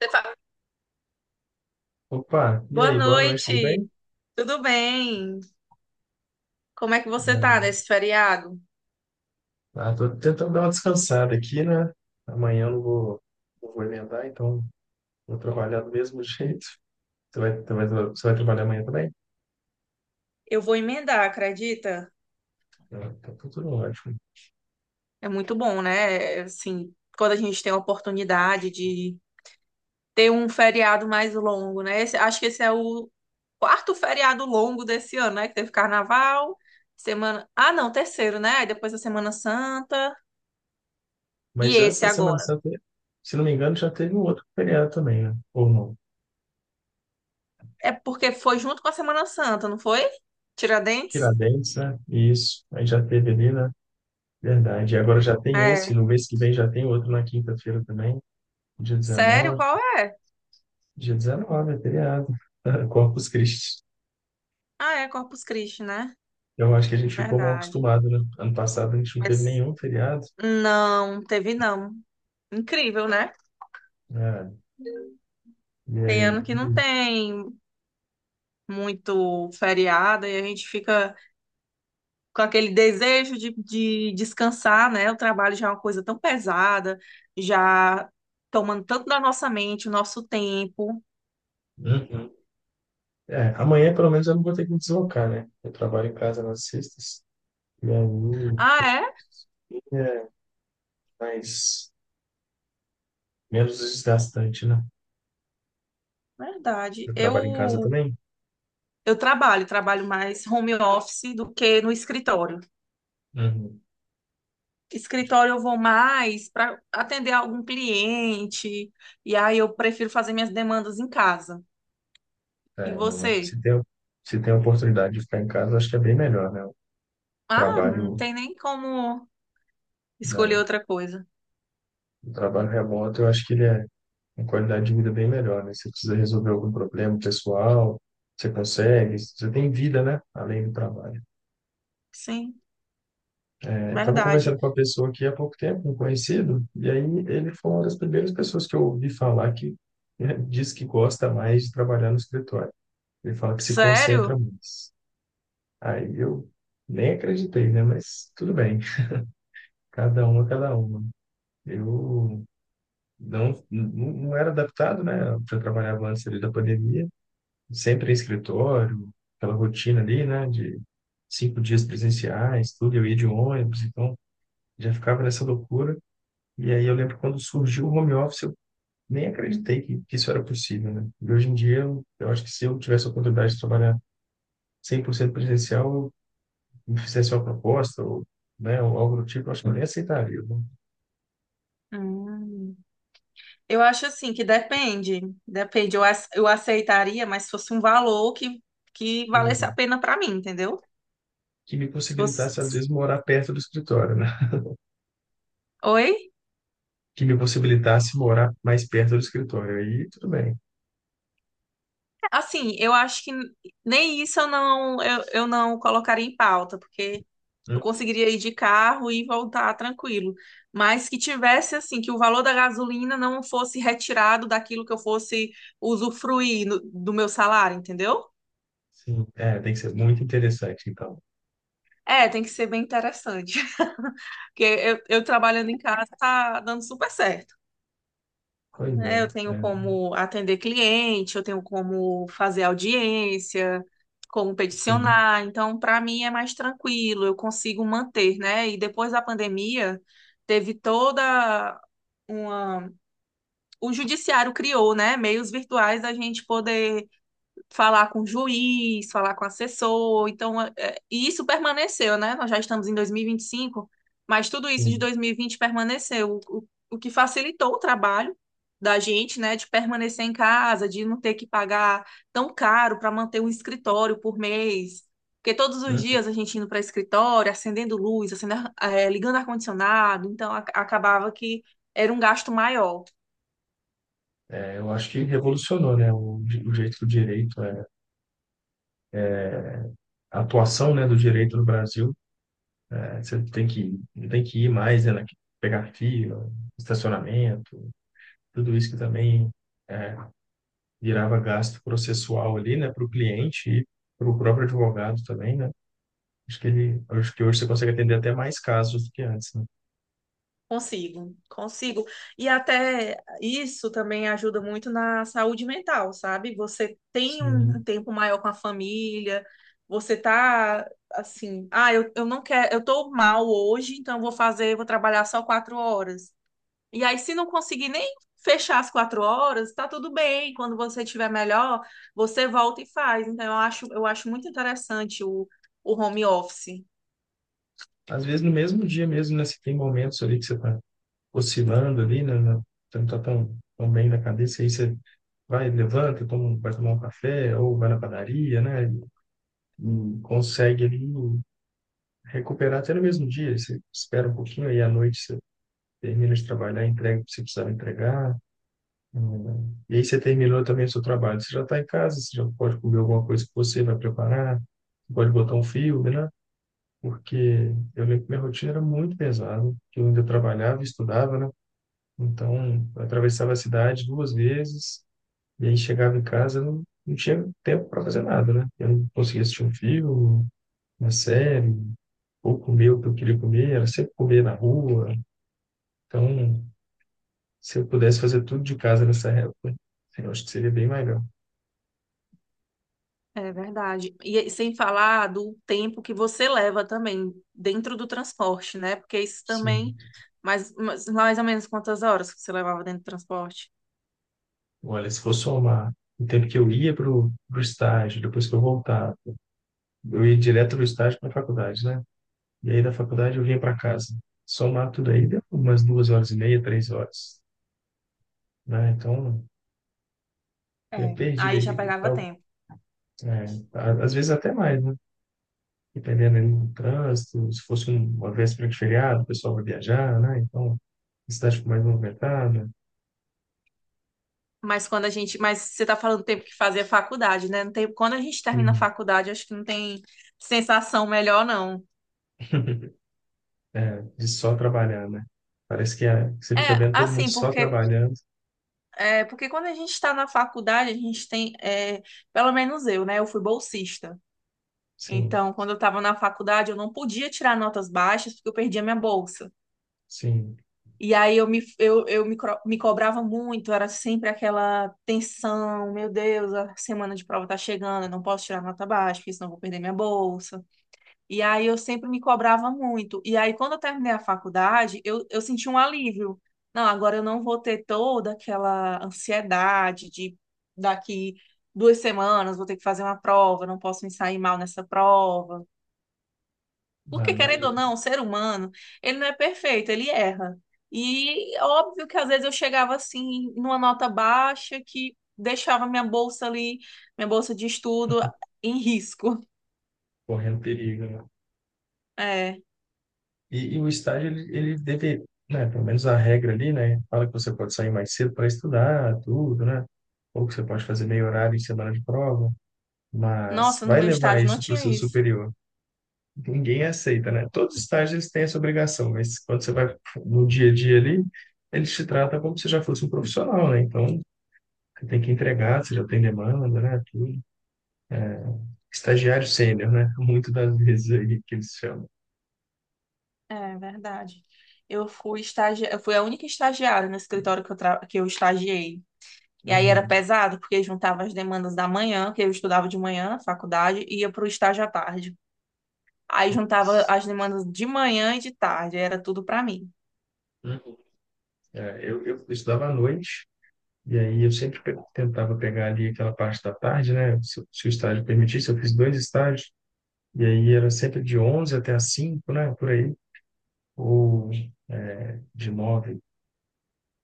Você fala, Opa, e Boa aí, boa noite, tudo bem? noite, tudo bem? Como é que você tá É, nesse feriado? Tô tentando dar uma descansada aqui, né? Amanhã eu não vou emendar, então vou trabalhar do mesmo jeito. Você vai trabalhar amanhã também? Eu vou emendar, acredita? Ah, tá tudo ótimo. É muito bom, né? Assim, quando a gente tem a oportunidade de ter um feriado mais longo, né? Acho que esse é o quarto feriado longo desse ano, né? Que teve carnaval, semana. Ah, não, terceiro, né? Aí depois a Semana Santa e Mas antes esse da Semana agora. Santa, se não me engano, já teve um outro feriado também, né? Ou não? É porque foi junto com a Semana Santa, não foi? Tiradentes? Tiradentes, né? Isso, aí já teve ali, né? Verdade. E agora já tem esse, É. no mês que vem já tem outro na quinta-feira também, dia Sério? 19. Qual é? Dia 19 é feriado. Corpus Christi. Ah, é Corpus Christi, né? Eu acho que a gente ficou mal Verdade. acostumado, né? Ano passado a gente não teve Mas nenhum feriado. não, teve não. Incrível, né? Né? E Tem ano aí. que não tem muito feriado e a gente fica com aquele desejo de descansar, né? O trabalho já é uma coisa tão pesada, já tomando tanto da nossa mente, o nosso tempo. Uhum. É, amanhã pelo menos eu não vou ter que me deslocar, né? Eu trabalho em casa nas sextas. E aí Ah, é? é mais, menos desgastante, né? Verdade. Eu trabalho em casa Eu, também. eu trabalho mais home office do que no escritório. Uhum. Escritório eu vou mais para atender algum cliente, e aí eu prefiro fazer minhas demandas em casa. E É, não é. você? Se tem a oportunidade de ficar em casa, eu acho que é bem melhor, né? O Ah, não trabalho, tem nem como escolher né? outra coisa. O trabalho remoto, eu acho que ele é. Uma qualidade de vida bem melhor, né? Você precisa resolver algum problema pessoal, você consegue, você tem vida, né? Além do trabalho. Sim, É, eu estava verdade. conversando com uma pessoa aqui há pouco tempo, um conhecido, e aí ele foi uma das primeiras pessoas que eu ouvi falar que, né, diz que gosta mais de trabalhar no escritório. Ele fala que se concentra Sério? mais. Aí eu nem acreditei, né? Mas tudo bem, cada uma, cada uma. Eu não era adaptado, né? Eu já trabalhava antes ali da pandemia, sempre em escritório, aquela rotina ali, né, de 5 dias presenciais, tudo, eu ia de ônibus, então já ficava nessa loucura. E aí eu lembro quando surgiu o home office, eu nem acreditei que isso era possível, né? E hoje em dia, eu acho que se eu tivesse a oportunidade de trabalhar 100% presencial, eu me fizesse uma proposta, ou, né, ou algo do tipo, eu acho que eu nem aceitaria, né? Hum. Eu acho assim que depende. Depende. Eu aceitaria, mas se fosse um valor que Que valesse a pena para mim, entendeu? que me Se fosse. possibilitasse, às vezes, morar perto do escritório, né? Oi? Que me possibilitasse morar mais perto do escritório. Aí, tudo bem. Assim, eu acho que nem isso eu não colocaria em pauta, porque eu Né. conseguiria ir de carro e voltar tranquilo. Mas que tivesse, assim, que o valor da gasolina não fosse retirado daquilo que eu fosse usufruir do meu salário, entendeu? Sim, é, tem que ser muito interessante, então. É, tem que ser bem interessante. Porque eu trabalhando em casa tá dando super certo. Pois é. Né? Eu tenho como atender cliente, eu tenho como fazer audiência, como É, sim, peticionar. Então, para mim é mais tranquilo, eu consigo manter, né? E depois da pandemia, teve toda uma. O judiciário criou, né? Meios virtuais da gente poder falar com o juiz, falar com o assessor. Então, e isso permaneceu, né? Nós já estamos em 2025, mas tudo isso de sim. 2020 permaneceu, o que facilitou o trabalho da gente, né, de permanecer em casa, de não ter que pagar tão caro para manter um escritório por mês. Porque todos os Hã? dias a gente indo para escritório, acendendo luz, acendendo, ligando ar-condicionado, então acabava que era um gasto maior. É, eu acho que revolucionou, né, o, o jeito do direito, é, a atuação, né, do direito no Brasil. É, você tem que, não tem que ir mais, né, pegar fila, estacionamento, tudo isso que também é, virava gasto processual ali, né, para o cliente e para o próprio advogado também, né? Acho que ele, acho que hoje você consegue atender até mais casos do que antes, né? Consigo, consigo. E até isso também ajuda muito na saúde mental, sabe? Você tem um Sim. tempo maior com a família, você tá assim, ah, eu não quero, eu tô mal hoje, então vou trabalhar só 4 horas. E aí, se não conseguir nem fechar as 4 horas, tá tudo bem. Quando você estiver melhor, você volta e faz. Então, eu acho muito interessante o, home office. Às vezes no mesmo dia mesmo, né, você tem momentos ali que você está oscilando ali, né? Né, você não está tão, tão bem na cabeça, aí você vai, levanta, toma, vai tomar um café, ou vai na padaria, né? E consegue ali recuperar até no mesmo dia. Você espera um pouquinho, aí à noite você termina de trabalhar, entrega o que você precisava entregar. E aí você terminou também o seu trabalho. Você já está em casa, você já pode comer alguma coisa que você vai preparar, você pode botar um filme, né? Porque eu lembro que minha rotina era muito pesada, que eu ainda trabalhava e estudava, né? Então, eu atravessava a cidade 2 vezes e aí chegava em casa, eu não, não tinha tempo para fazer nada, né? Eu não conseguia assistir um filme, uma série, ou comer o que eu queria comer, era sempre comer na rua. Então, se eu pudesse fazer tudo de casa nessa época, eu acho que seria bem legal. É verdade. E aí, sem falar do tempo que você leva também dentro do transporte, né? Porque isso Sim. também, mais ou menos quantas horas que você levava dentro do transporte? Olha, se for somar o tempo que eu ia para o estágio, depois que eu voltava, eu ia direto do estágio para a faculdade, né? E aí da faculdade eu vinha para casa. Somar tudo aí, deu umas 2 horas e meia, 3 horas. Né? Então, é É, perdido aí aí. já pegava Então, tempo. é, às vezes até mais, né? Dependendo ali do trânsito, se fosse uma véspera de feriado, o pessoal vai viajar, né? Então, a cidade fica mais movimentada. Mas você está falando do tempo que fazia faculdade, né? Não tem- quando a gente termina a Sim. faculdade, acho que não tem sensação melhor, não. É, de só trabalhar, né? Parece que, é, que você fica É, vendo todo mundo assim, só porque, trabalhando. é, porque quando a gente está na faculdade, a gente tem, pelo menos eu, né? Eu fui bolsista. Sim, Então, quando eu estava na faculdade, eu não podia tirar notas baixas porque eu perdia minha bolsa. sim. E aí eu me, cro- me cobrava muito, era sempre aquela tensão, meu Deus, a semana de prova tá chegando, eu não posso tirar nota baixa, porque senão eu vou perder minha bolsa. E aí eu sempre me cobrava muito. E aí quando eu terminei a faculdade, eu senti um alívio. Não, agora eu não vou ter toda aquela ansiedade de daqui 2 semanas vou ter que fazer uma prova, não posso me sair mal nessa prova. Ah, Porque, querendo ou imagina, não, o ser humano, ele não é perfeito, ele erra. E óbvio que às vezes eu chegava assim, numa nota baixa, que deixava minha bolsa ali, minha bolsa de estudo, em risco. correndo perigo, né? É. E o estágio, ele deve, né? Pelo menos a regra ali, né? Fala que você pode sair mais cedo para estudar, tudo, né? Ou que você pode fazer meio horário em semana de prova. Mas Nossa, no vai meu levar estágio não isso para o tinha seu isso. superior. Ninguém aceita, né? Todos os estágios eles têm essa obrigação, mas quando você vai no dia a dia ali, eles te tratam como se já fosse um profissional, né? Então, você tem que entregar, você já tem demanda, né? Tudo. Estagiário sênior, né? Muitas das vezes aí que eles chamam. É verdade. Eu fui a única estagiária no escritório que eu estagiei. E aí era Uhum. pesado, porque juntava as demandas da manhã, que eu estudava de manhã na faculdade, e ia para o estágio à tarde. Aí juntava as demandas de manhã e de tarde, era tudo pra mim. Uhum. É, eu estudava à noite, e aí eu sempre tentava pegar ali aquela parte da tarde, né? Se o estágio permitisse, eu fiz dois estágios, e aí era sempre de 11 até as 5, né? Por aí. Ou de 9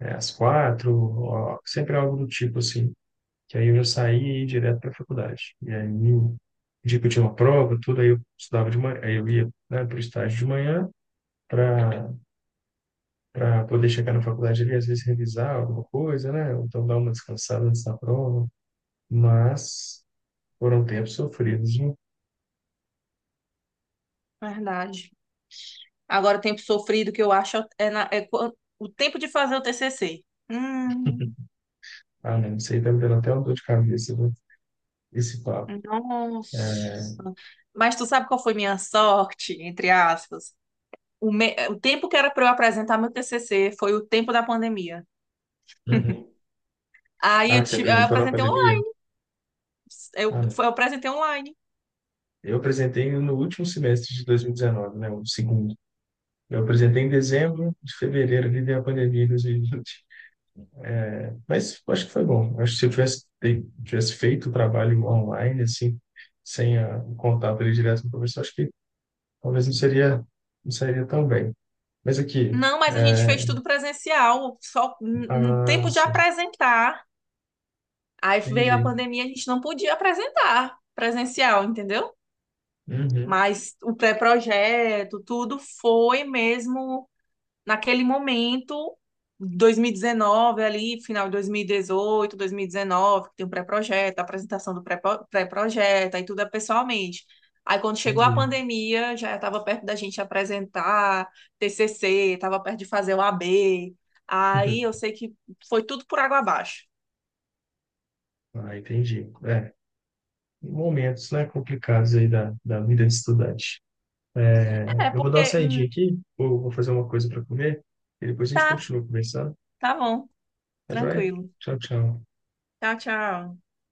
é, às 4, ó, sempre algo do tipo assim. Que aí eu já saía e ia direto para a faculdade. E aí, no dia que eu tinha uma prova, tudo, aí eu estudava de manhã, aí eu ia, né, para o estágio de manhã para para poder chegar na faculdade ali, às vezes revisar alguma coisa, né? Ou então dar uma descansada antes da prova. Mas foram tempos sofridos, viu? Verdade. Agora o tempo sofrido que eu acho é, o tempo de fazer o TCC. Hum, Ah, não, isso aí tá me dando até uma dor de cabeça, viu? Esse papo. nossa. Mas tu sabe qual foi minha sorte, entre aspas? O tempo que era pra eu apresentar meu TCC foi o tempo da pandemia. Uhum. Aí Ah, eu, se ti- eu apresentou na apresentei pandemia? online. Eu, Ah, foi- eu apresentei online. eu apresentei no último semestre de 2019, né, o segundo. Eu apresentei em dezembro de fevereiro, ali veio a pandemia de 2020. Mas acho que foi bom. Acho que se eu tivesse, tivesse feito o trabalho online, assim, sem a, o contato ali direto com o professor, acho que talvez não seria, não seria tão bem. Mas aqui, Não, mas a gente é, fez tudo presencial, só um ah, tempo de sim, apresentar. Aí veio a entendi. pandemia, a gente não podia apresentar presencial, entendeu? Uhum, Mas o pré-projeto, tudo foi mesmo naquele momento, 2019 ali, final de 2018, 2019, que tem o pré-projeto, a apresentação do pré-projeto, aí tudo é pessoalmente. Aí quando chegou a entendi. pandemia, já estava perto da gente apresentar TCC, estava perto de fazer o AB. Aí eu sei que foi tudo por água abaixo. Ah, entendi. É, momentos, né, complicados aí da, da vida de estudante. É, Eu vou dar uma porque saidinha aqui, vou fazer uma coisa para comer e depois a gente tá, continua conversando. tá bom. Tá joia? Tranquilo. Tchau, tchau. Tchau, tchau.